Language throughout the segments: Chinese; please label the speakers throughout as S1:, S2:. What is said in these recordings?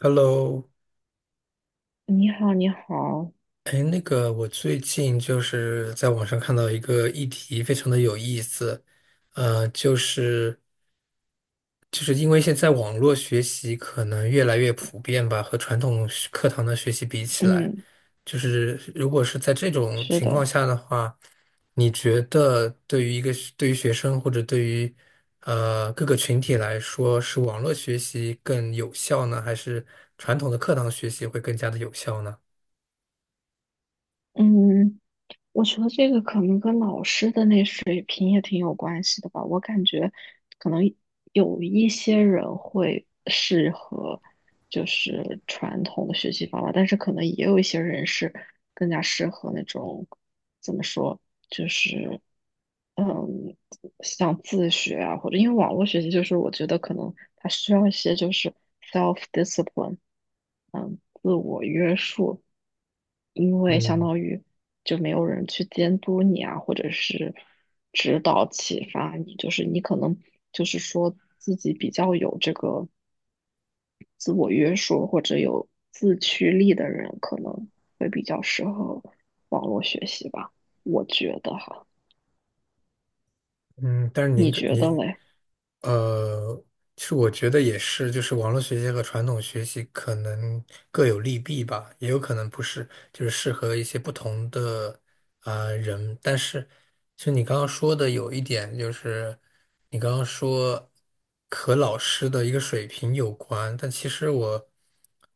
S1: Hello，
S2: 你好，你好，
S1: 哎，那个，我最近就是在网上看到一个议题，非常的有意思，呃，就是就是因为现在网络学习可能越来越普遍吧，和传统学课堂的学习比起来，
S2: 嗯，
S1: 就是如果是在这种
S2: 是
S1: 情况
S2: 的，
S1: 下的话，你觉得对于一个对于学生或者对于各个群体来说，是网络学习更有效呢，还是传统的课堂学习会更加的有效呢？
S2: 嗯，我觉得这个可能跟老师的那水平也挺有关系的吧。我感觉可能有一些人会适合就是传统的学习方法，但是可能也有一些人是更加适合那种怎么说，就是嗯，像自学啊，或者因为网络学习，就是我觉得可能他需要一些就是 self discipline。自我约束，因为相
S1: 嗯
S2: 当于就没有人去监督你啊，或者是指导启发你，就是你可能就是说自己比较有这个自我约束或者有自驱力的人，可能会比较适合网络学习吧，我觉得哈，
S1: 嗯，但是您
S2: 你
S1: 个
S2: 觉
S1: 您
S2: 得嘞？
S1: 呃，其实我觉得也是，就是网络学习和传统学习可能各有利弊吧，也有可能不是，就是适合一些不同的人。但是，其实你刚刚说的有一点就是，你刚刚说和老师的一个水平有关，但其实我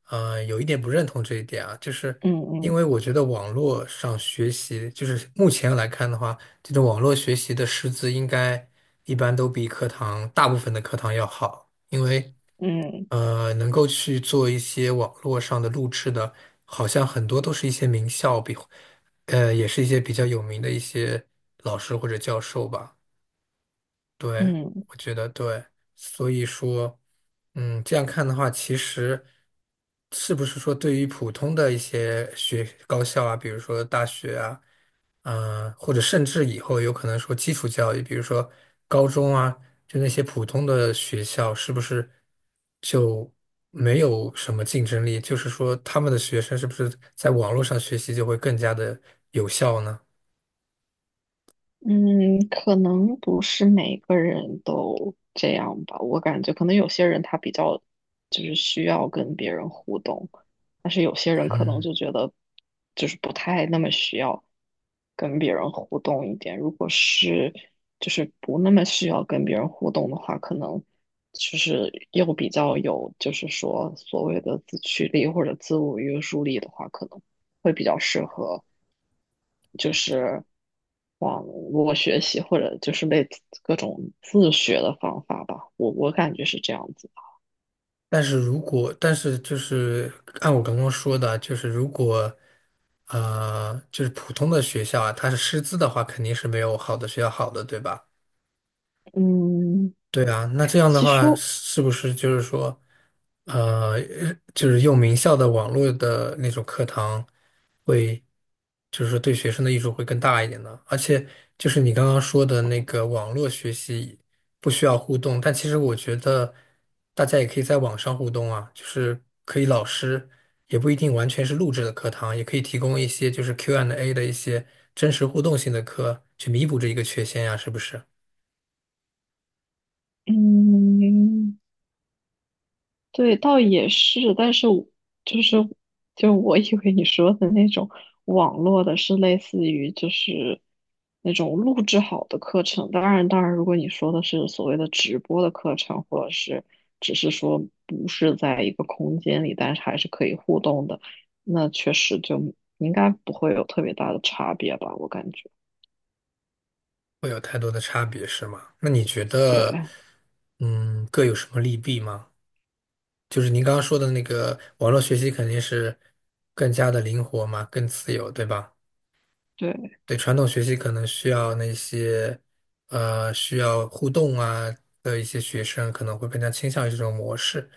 S1: 呃有一点不认同这一点啊，就是
S2: 嗯
S1: 因
S2: 嗯
S1: 为我觉得网络上学习，就是目前来看的话。这种网络学习的师资应该一般都比课堂大部分的课堂要好，因为
S2: 嗯
S1: 能够去做一些网络上的录制的，好像很多都是一些名校比，也是一些比较有名的一些老师或者教授吧。对，
S2: 嗯。
S1: 我觉得对，所以说，嗯，这样看的话，其实是不是说对于普通的一些学高校啊，比如说大学啊。或者甚至以后有可能说基础教育，比如说高中啊，就那些普通的学校，是不是就没有什么竞争力？就是说，他们的学生是不是在网络上学习就会更加的有效呢？
S2: 嗯，可能不是每个人都这样吧。我感觉可能有些人他比较就是需要跟别人互动，但是有些人可能
S1: 嗯，
S2: 就觉得就是不太那么需要跟别人互动一点。如果是就是不那么需要跟别人互动的话，可能就是又比较有就是说所谓的自驱力或者自我约束力的话，可能会比较适合。就是网络学习或者就是类似各种自学的方法吧，我感觉是这样子。
S1: 但是如果，但是就是按我刚刚说的，就是如果就是普通的学校啊，它是师资的话，肯定是没有好的学校好的，对吧？
S2: 嗯，
S1: 对啊，那这样的
S2: 其实
S1: 话，是不是就是说，呃，就是用名校的网络的那种课堂会，就是说对学生的益处会更大一点呢？而且就是你刚刚说的那个网络学习不需要互动，但其实我觉得大家也可以在网上互动啊，就是可以老师也不一定完全是录制的课堂，也可以提供一些就是 Q&A 的一些真实互动性的课，去弥补这一个缺陷呀，是不是？
S2: 嗯。对，倒也是，但是我就是就我以为你说的那种网络的是类似于就是那种录制好的课程，当然当然，如果你说的是所谓的直播的课程，或者是只是说不是在一个空间里，但是还是可以互动的，那确实就应该不会有特别大的差别吧，我感觉。
S1: 会有太多的差别，是吗？那你觉得，
S2: 对
S1: 嗯，各有什么利弊吗？就是您刚刚说的那个网络学习肯定是更加的灵活嘛，更自由，对吧？
S2: 对，
S1: 对，传统学习可能需要那些需要互动啊的一些学生可能会更加倾向于这种模式。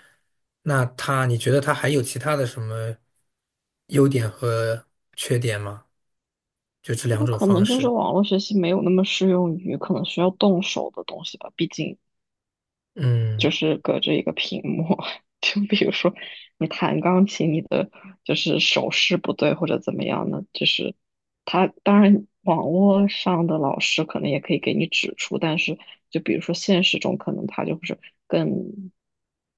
S1: 那他，你觉得他还有其他的什么优点和缺点吗？就这
S2: 那
S1: 两种
S2: 可能
S1: 方
S2: 就是
S1: 式。
S2: 网络学习没有那么适用于可能需要动手的东西吧，毕竟。就
S1: 嗯
S2: 是隔着一个屏幕。就比如说你弹钢琴，你的就是手势不对或者怎么样呢？就是他当然网络上的老师可能也可以给你指出，但是就比如说现实中，可能他就是更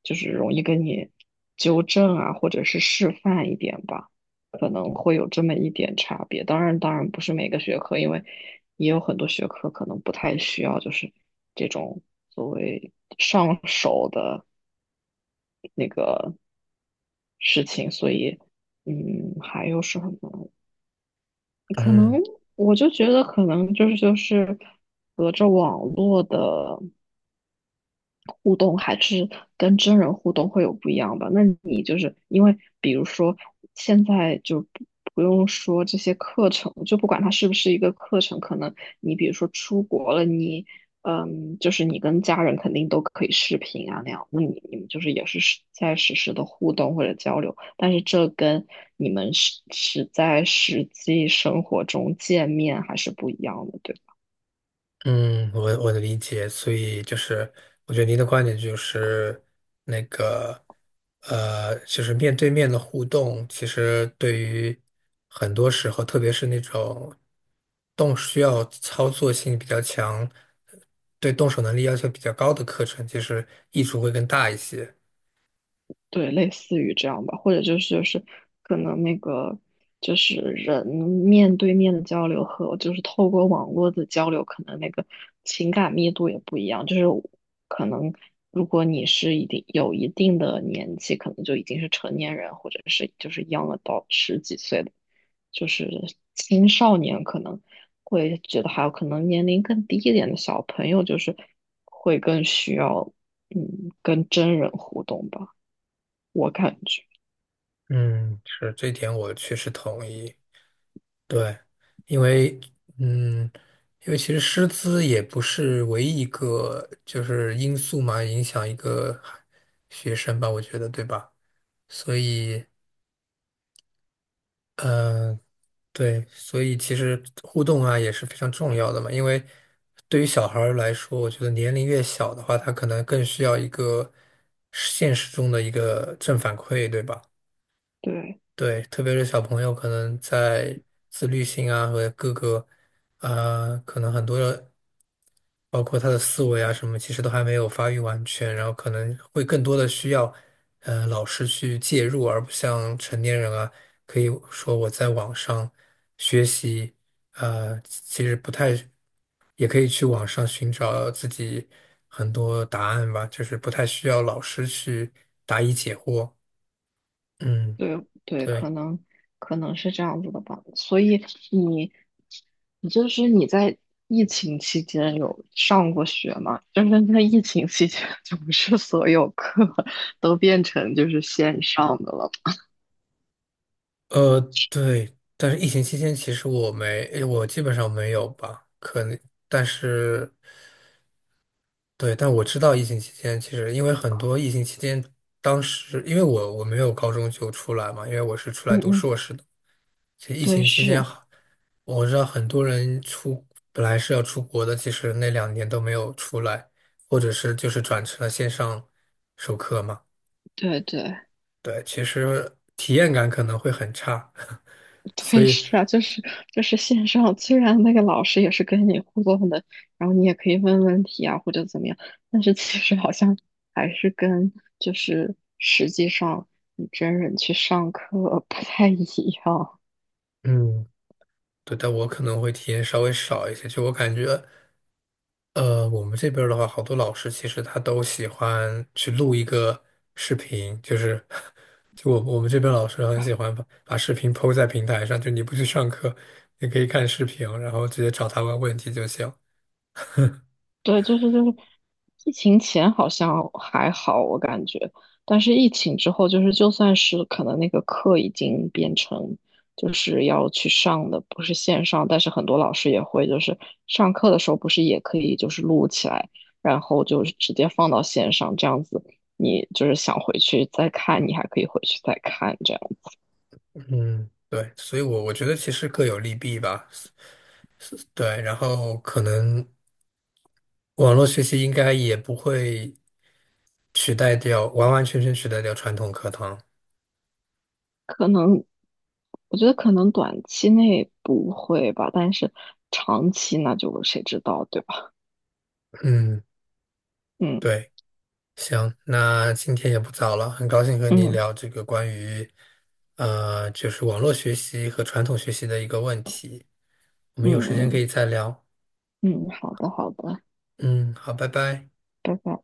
S2: 就是容易跟你纠正啊，或者是示范一点吧。可能会有这么一点差别。当然，当然不是每个学科，因为也有很多学科可能不太需要，就是这种所谓上手的那个事情，所以，还有什么？可
S1: 嗯。
S2: 能我就觉得，可能就是隔着网络的。互动还是跟真人互动会有不一样吧？那你就是因为，比如说现在就不用说这些课程，就不管它是不是一个课程，可能你比如说出国了，就是你跟家人肯定都可以视频啊那样，那你们就是也是实时的互动或者交流，但是这跟你们是在实际生活中见面还是不一样的，对吧。
S1: 嗯，我的理解，所以就是，我觉得您的观点就是那个，就是面对面的互动，其实对于很多时候，特别是那种动需要操作性比较强、对动手能力要求比较高的课程，其实益处会更大一些。
S2: 对，类似于这样吧，或者就是可能那个就是人面对面的交流和就是透过网络的交流，可能那个情感密度也不一样。就是可能如果你是一定有一定的年纪，可能就已经是成年人，或者是就是 young a d 十几岁的，就是青少年可能会觉得还有可能年龄更低一点的小朋友，就是会更需要跟真人互动吧。我感觉，
S1: 嗯，是，这一点我确实同意。对，因为嗯，因为其实师资也不是唯一一个就是因素嘛，影响一个学生吧，我觉得，对吧？所以，嗯、对，所以其实互动啊也是非常重要的嘛，因为对于小孩儿来说，我觉得年龄越小的话，他可能更需要一个现实中的一个正反馈，对吧？
S2: 对
S1: 对，特别是小朋友，可能在自律性啊和各个，可能很多的，包括他的思维啊什么，其实都还没有发育完全，然后可能会更多的需要，老师去介入，而不像成年人啊，可以说我在网上学习，其实不太，也可以去网上寻找自己很多答案吧，就是不太需要老师去答疑解惑。嗯，
S2: 对对，可
S1: 对。
S2: 能是这样子的吧。所以你你就是你在疫情期间有上过学吗？就是在疫情期间，就不是所有课 都变成就是线上的了。
S1: 呃，对，但是疫情期间其实我基本上没有吧，可能，但是对，但我知道疫情期间其实因为很多疫情期间，当时因为我没有高中就出来嘛，因为我是出来
S2: 嗯
S1: 读
S2: 嗯，
S1: 硕士的，其实疫
S2: 对，
S1: 情期间
S2: 是，
S1: 好，我知道很多人本来是要出国的，其实那两年都没有出来，或者是就是转成了线上授课嘛，
S2: 对对。
S1: 对，其实体验感可能会很差，所
S2: 对，
S1: 以。
S2: 是啊，就是线上，虽然那个老师也是跟你互动的，然后你也可以问问题啊，或者怎么样，但是其实好像还是跟就是实际上你真人去上课不太一样。
S1: 嗯，对，但我可能会体验稍微少一些。就我感觉，我们这边儿的话，好多老师其实他都喜欢去录一个视频，就是 就我们这边老师很喜欢把视频 p 在平台上，就你不去上课，你可以看视频，然后直接找他问问题就行。
S2: 对，就是疫情前好像还好，我感觉，但是疫情之后，就是就算是可能那个课已经变成就是要去上的，不是线上，但是很多老师也会就是上课的时候不是也可以就是录起来，然后就是直接放到线上，这样子你就是想回去再看，你还可以回去再看，这样
S1: 嗯，对，所以我觉得其实各有利弊吧。是对，然后可能网络学习应该也不会取代掉，完完全全取代掉传统课堂。
S2: 可能我觉得可能短期内不会吧，但是长期那就谁知道，对吧？
S1: 嗯，
S2: 嗯
S1: 对。行，那今天也不早了，很高兴和你
S2: 嗯。
S1: 聊这个关于，就是网络学习和传统学习的一个问题。我们有
S2: 嗯
S1: 时间可
S2: 嗯
S1: 以再聊。
S2: 嗯，好的好的，
S1: 嗯，好，拜拜。
S2: 拜拜。